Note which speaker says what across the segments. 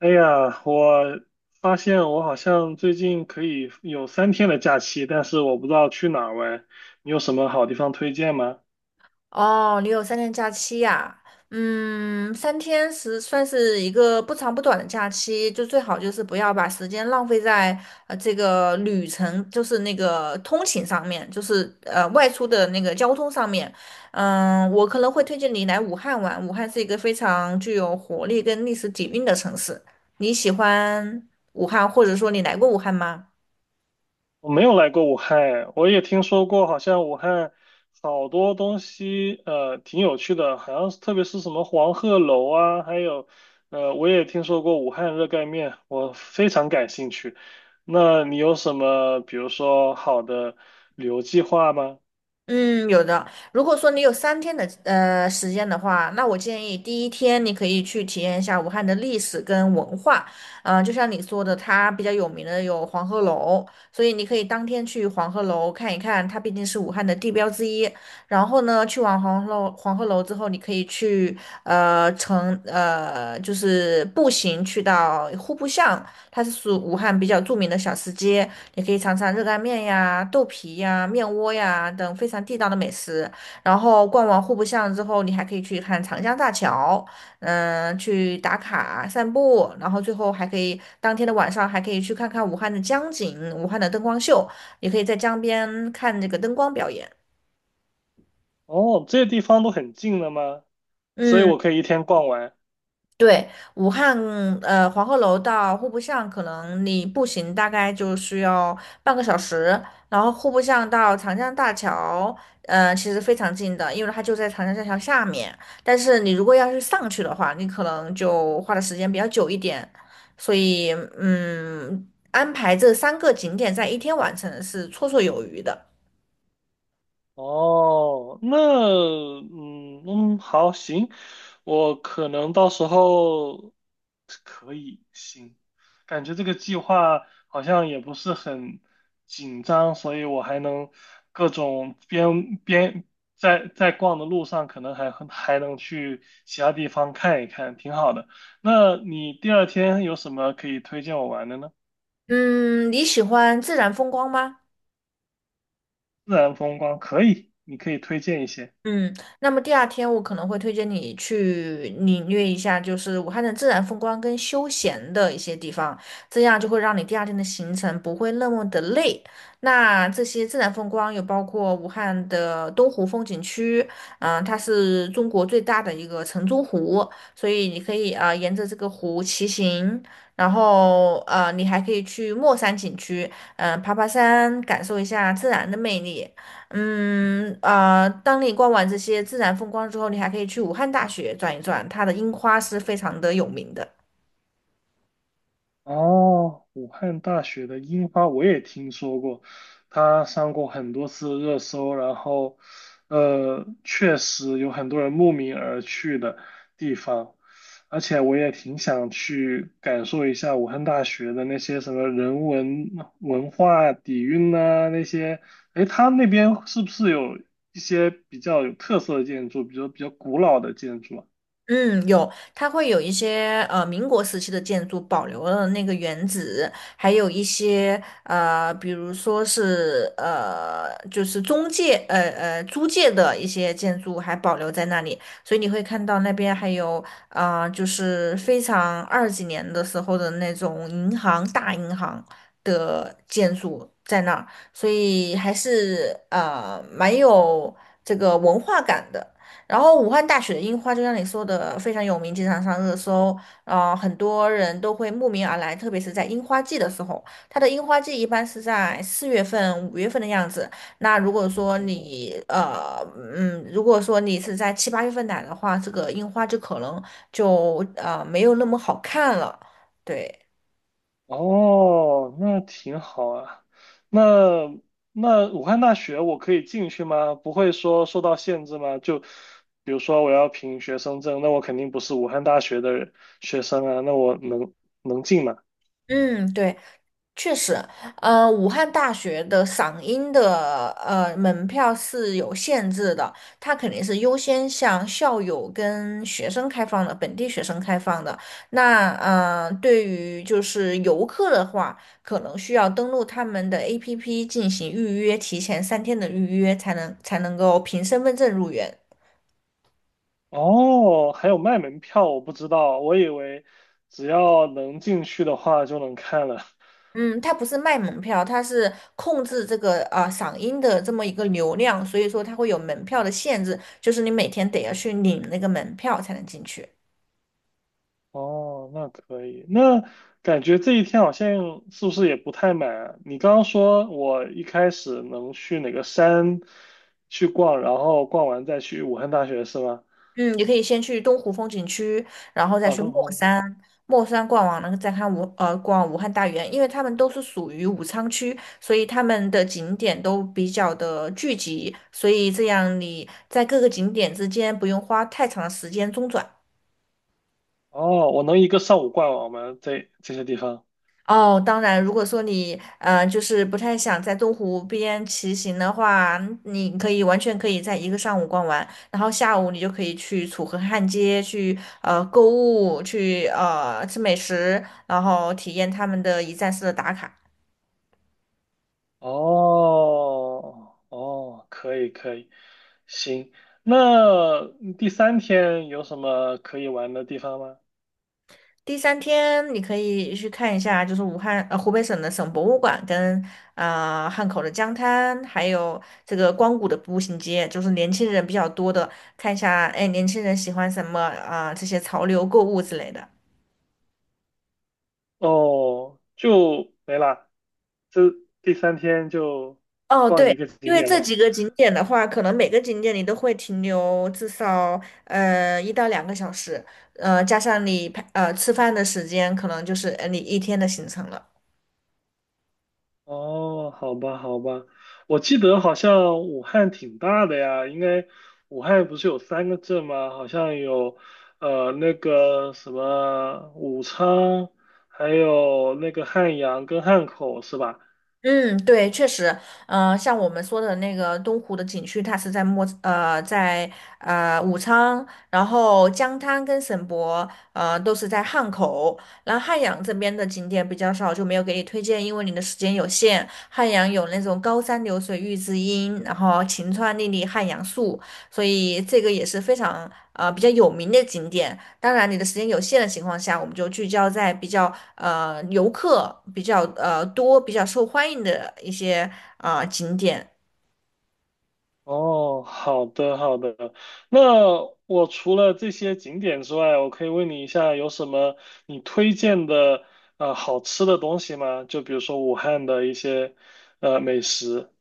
Speaker 1: 哎呀，我发现我好像最近可以有三天的假期，但是我不知道去哪儿玩。你有什么好地方推荐吗？
Speaker 2: 哦，你有三天假期呀？三天是算是一个不长不短的假期，就最好就是不要把时间浪费在这个旅程，就是那个通勤上面，就是外出的那个交通上面。嗯，我可能会推荐你来武汉玩，武汉是一个非常具有活力跟历史底蕴的城市。你喜欢武汉，或者说你来过武汉吗？
Speaker 1: 我没有来过武汉哎我也听说过，好像武汉好多东西挺有趣的，好像是特别是什么黄鹤楼啊，还有我也听说过武汉热干面，我非常感兴趣。那你有什么比如说好的旅游计划吗？
Speaker 2: 嗯，有的。如果说你有三天的时间的话，那我建议第一天你可以去体验一下武汉的历史跟文化。嗯、就像你说的，它比较有名的有黄鹤楼，所以你可以当天去黄鹤楼看一看，它毕竟是武汉的地标之一。然后呢，去完黄鹤楼之后，你可以去呃乘呃就是步行去到户部巷，它是属武汉比较著名的小吃街，你可以尝尝热干面呀、豆皮呀、面窝呀等非常地道的美食。然后逛完户部巷之后，你还可以去看长江大桥，嗯，去打卡散步，然后最后还可以当天的晚上还可以去看看武汉的江景、武汉的灯光秀，也可以在江边看这个灯光表演。
Speaker 1: 哦，这些地方都很近的吗？所以
Speaker 2: 嗯。
Speaker 1: 我可以一天逛完。
Speaker 2: 对，武汉黄鹤楼到户部巷，可能你步行大概就需要半个小时，然后户部巷到长江大桥，其实非常近的，因为它就在长江大桥下面。但是你如果要是上去的话，你可能就花的时间比较久一点，所以嗯，安排这三个景点在一天完成是绰绰有余的。
Speaker 1: 哦，那嗯嗯，好，行，我可能到时候可以，行，感觉这个计划好像也不是很紧张，所以我还能各种边边在逛的路上，可能还能去其他地方看一看，挺好的。那你第二天有什么可以推荐我玩的呢？
Speaker 2: 嗯，你喜欢自然风光吗？
Speaker 1: 自然风光可以，你可以推荐一些。
Speaker 2: 嗯，那么第二天我可能会推荐你去领略一下，就是武汉的自然风光跟休闲的一些地方，这样就会让你第二天的行程不会那么的累。那这些自然风光有包括武汉的东湖风景区，嗯、它是中国最大的一个城中湖，所以你可以啊、沿着这个湖骑行，然后你还可以去墨山景区，嗯、爬爬山，感受一下自然的魅力。当你逛完这些自然风光之后，你还可以去武汉大学转一转，它的樱花是非常的有名的。
Speaker 1: 哦，武汉大学的樱花我也听说过，它上过很多次热搜，然后，确实有很多人慕名而去的地方，而且我也挺想去感受一下武汉大学的那些什么人文文化底蕴呐、那些，诶，它那边是不是有一些比较有特色的建筑，比如比较古老的建筑啊？
Speaker 2: 嗯，有，它会有一些民国时期的建筑保留了那个原址，还有一些比如说是就是中介租界的一些建筑还保留在那里，所以你会看到那边还有啊、就是非常二几年的时候的那种大银行的建筑在那儿，所以还是蛮有这个文化感的。然后武汉大学的樱花，就像你说的，非常有名，经常上热搜，啊，很多人都会慕名而来，特别是在樱花季的时候。它的樱花季一般是在四月份、五月份的样子。那如果说如果说你是在七八月份来的话，这个樱花就可能没有那么好看了。对，
Speaker 1: 哦，那挺好啊。那武汉大学我可以进去吗？不会说受到限制吗？就比如说我要凭学生证，那我肯定不是武汉大学的学生啊，那我能进吗？
Speaker 2: 嗯，对。确实，武汉大学的嗓音的门票是有限制的，它肯定是优先向校友跟学生开放的，本地学生开放的。对于就是游客的话，可能需要登录他们的 APP 进行预约，提前三天的预约才能够凭身份证入园。
Speaker 1: 哦，还有卖门票，我不知道，我以为只要能进去的话就能看了。
Speaker 2: 嗯，它不是卖门票，它是控制这个嗓音的这么一个流量，所以说它会有门票的限制，就是你每天得要去领那个门票才能进去。
Speaker 1: 哦，那可以。那感觉这一天好像是不是也不太满啊？你刚刚说我一开始能去哪个山去逛，然后逛完再去武汉大学是吗？
Speaker 2: 嗯，你可以先去东湖风景区，然后再
Speaker 1: 啊，
Speaker 2: 去墨
Speaker 1: 东方。
Speaker 2: 山，墨山逛完了再看逛武汉大园，因为他们都是属于武昌区，所以他们的景点都比较的聚集，所以这样你在各个景点之间不用花太长的时间中转。
Speaker 1: 哦，我能一个上午逛完我们这些地方。
Speaker 2: 哦，当然，如果说就是不太想在东湖边骑行的话，你可以完全可以在一个上午逛完，然后下午你就可以去楚河汉街去购物，去吃美食，然后体验他们的一站式的打卡。
Speaker 1: 哦，哦，可以可以，行。那第三天有什么可以玩的地方吗？
Speaker 2: 第三天你可以去看一下，就是湖北省的省博物馆跟啊、汉口的江滩，还有这个光谷的步行街，就是年轻人比较多的，看一下哎年轻人喜欢什么啊、这些潮流购物之类的。
Speaker 1: 哦，就没了，这第三天就
Speaker 2: 哦，
Speaker 1: 逛
Speaker 2: 对，
Speaker 1: 一个
Speaker 2: 因
Speaker 1: 景
Speaker 2: 为
Speaker 1: 点
Speaker 2: 这
Speaker 1: 了。
Speaker 2: 几个景点的话，可能每个景点你都会停留至少一到两个小时，加上你吃饭的时间，可能就是你一天的行程了。
Speaker 1: 哦，好吧，好吧，我记得好像武汉挺大的呀，应该武汉不是有三个镇吗？好像有那个什么武昌，还有那个汉阳跟汉口是吧？
Speaker 2: 嗯，对，确实，嗯、像我们说的那个东湖的景区，它是在武昌，然后江滩跟省博，都是在汉口。然后汉阳这边的景点比较少，就没有给你推荐，因为你的时间有限。汉阳有那种高山流水遇知音，然后晴川历历汉阳树，所以这个也是非常比较有名的景点。当然，你的时间有限的情况下，我们就聚焦在比较游客比较多、比较受欢迎的一些啊、景点。
Speaker 1: 哦，好的好的。那我除了这些景点之外，我可以问你一下，有什么你推荐的好吃的东西吗？就比如说武汉的一些美食。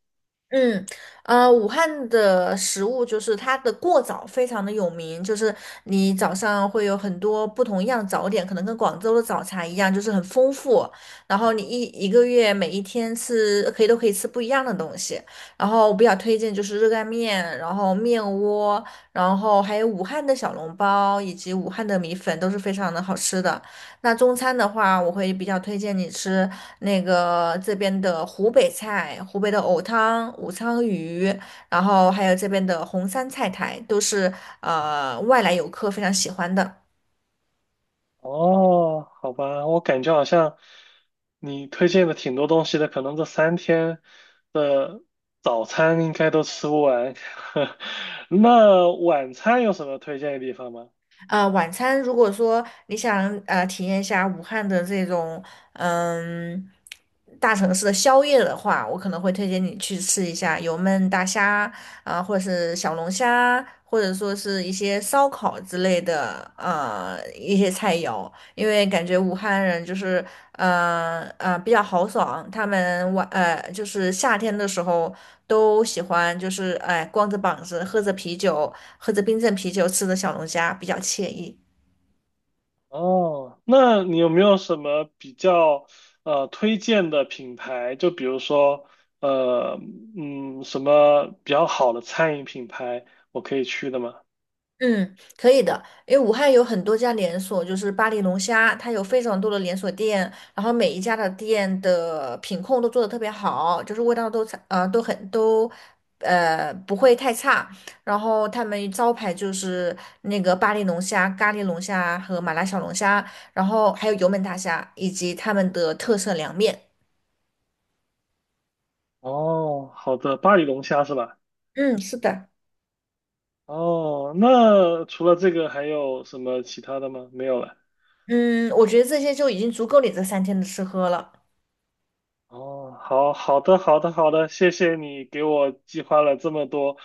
Speaker 2: 嗯，武汉的食物就是它的过早非常的有名，就是你早上会有很多不同样的早点，可能跟广州的早茶一样，就是很丰富。然后你一个月每一天吃可以都可以吃不一样的东西。然后我比较推荐就是热干面，然后面窝，然后还有武汉的小笼包以及武汉的米粉都是非常的好吃的。那中餐的话，我会比较推荐你吃那个这边的湖北菜，湖北的藕汤、武昌鱼，然后还有这边的红山菜苔，都是外来游客非常喜欢的。
Speaker 1: 哦，好吧，我感觉好像你推荐的挺多东西的，可能这三天的早餐应该都吃不完。那晚餐有什么推荐的地方吗？
Speaker 2: 晚餐如果说你想体验一下武汉的这种嗯大城市的宵夜的话，我可能会推荐你去吃一下油焖大虾啊、或者是小龙虾，或者说是一些烧烤之类的一些菜肴，因为感觉武汉人就是比较豪爽，他们就是夏天的时候。都喜欢，就是哎，光着膀子，喝着啤酒，喝着冰镇啤酒，吃着小龙虾，比较惬意。
Speaker 1: 哦，那你有没有什么比较推荐的品牌？就比如说呃什么比较好的餐饮品牌，我可以去的吗？
Speaker 2: 嗯，可以的，因为武汉有很多家连锁，就是巴黎龙虾，它有非常多的连锁店，然后每一家的店的品控都做得特别好，就是味道都差呃都很都呃不会太差。然后他们招牌就是那个巴黎龙虾、咖喱龙虾和麻辣小龙虾，然后还有油焖大虾以及他们的特色凉面。
Speaker 1: 哦，好的，巴黎龙虾是吧？
Speaker 2: 嗯，是的。
Speaker 1: 哦，那除了这个还有什么其他的吗？没有了。
Speaker 2: 嗯，我觉得这些就已经足够你这三天的吃喝了。
Speaker 1: 哦，好好的，好的，好的，谢谢你给我计划了这么多，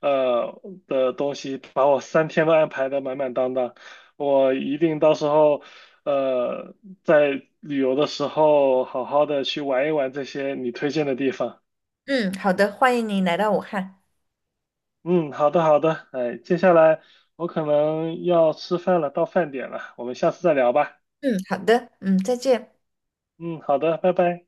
Speaker 1: 呃的东西，把我三天都安排的满满当当。我一定到时候，呃，在旅游的时候好好的去玩一玩这些你推荐的地方。
Speaker 2: 嗯，好的，欢迎你来到武汉。
Speaker 1: 嗯，好的，好的，哎，接下来我可能要吃饭了，到饭点了，我们下次再聊吧。
Speaker 2: 嗯，好的，嗯，再见。
Speaker 1: 嗯，好的，拜拜。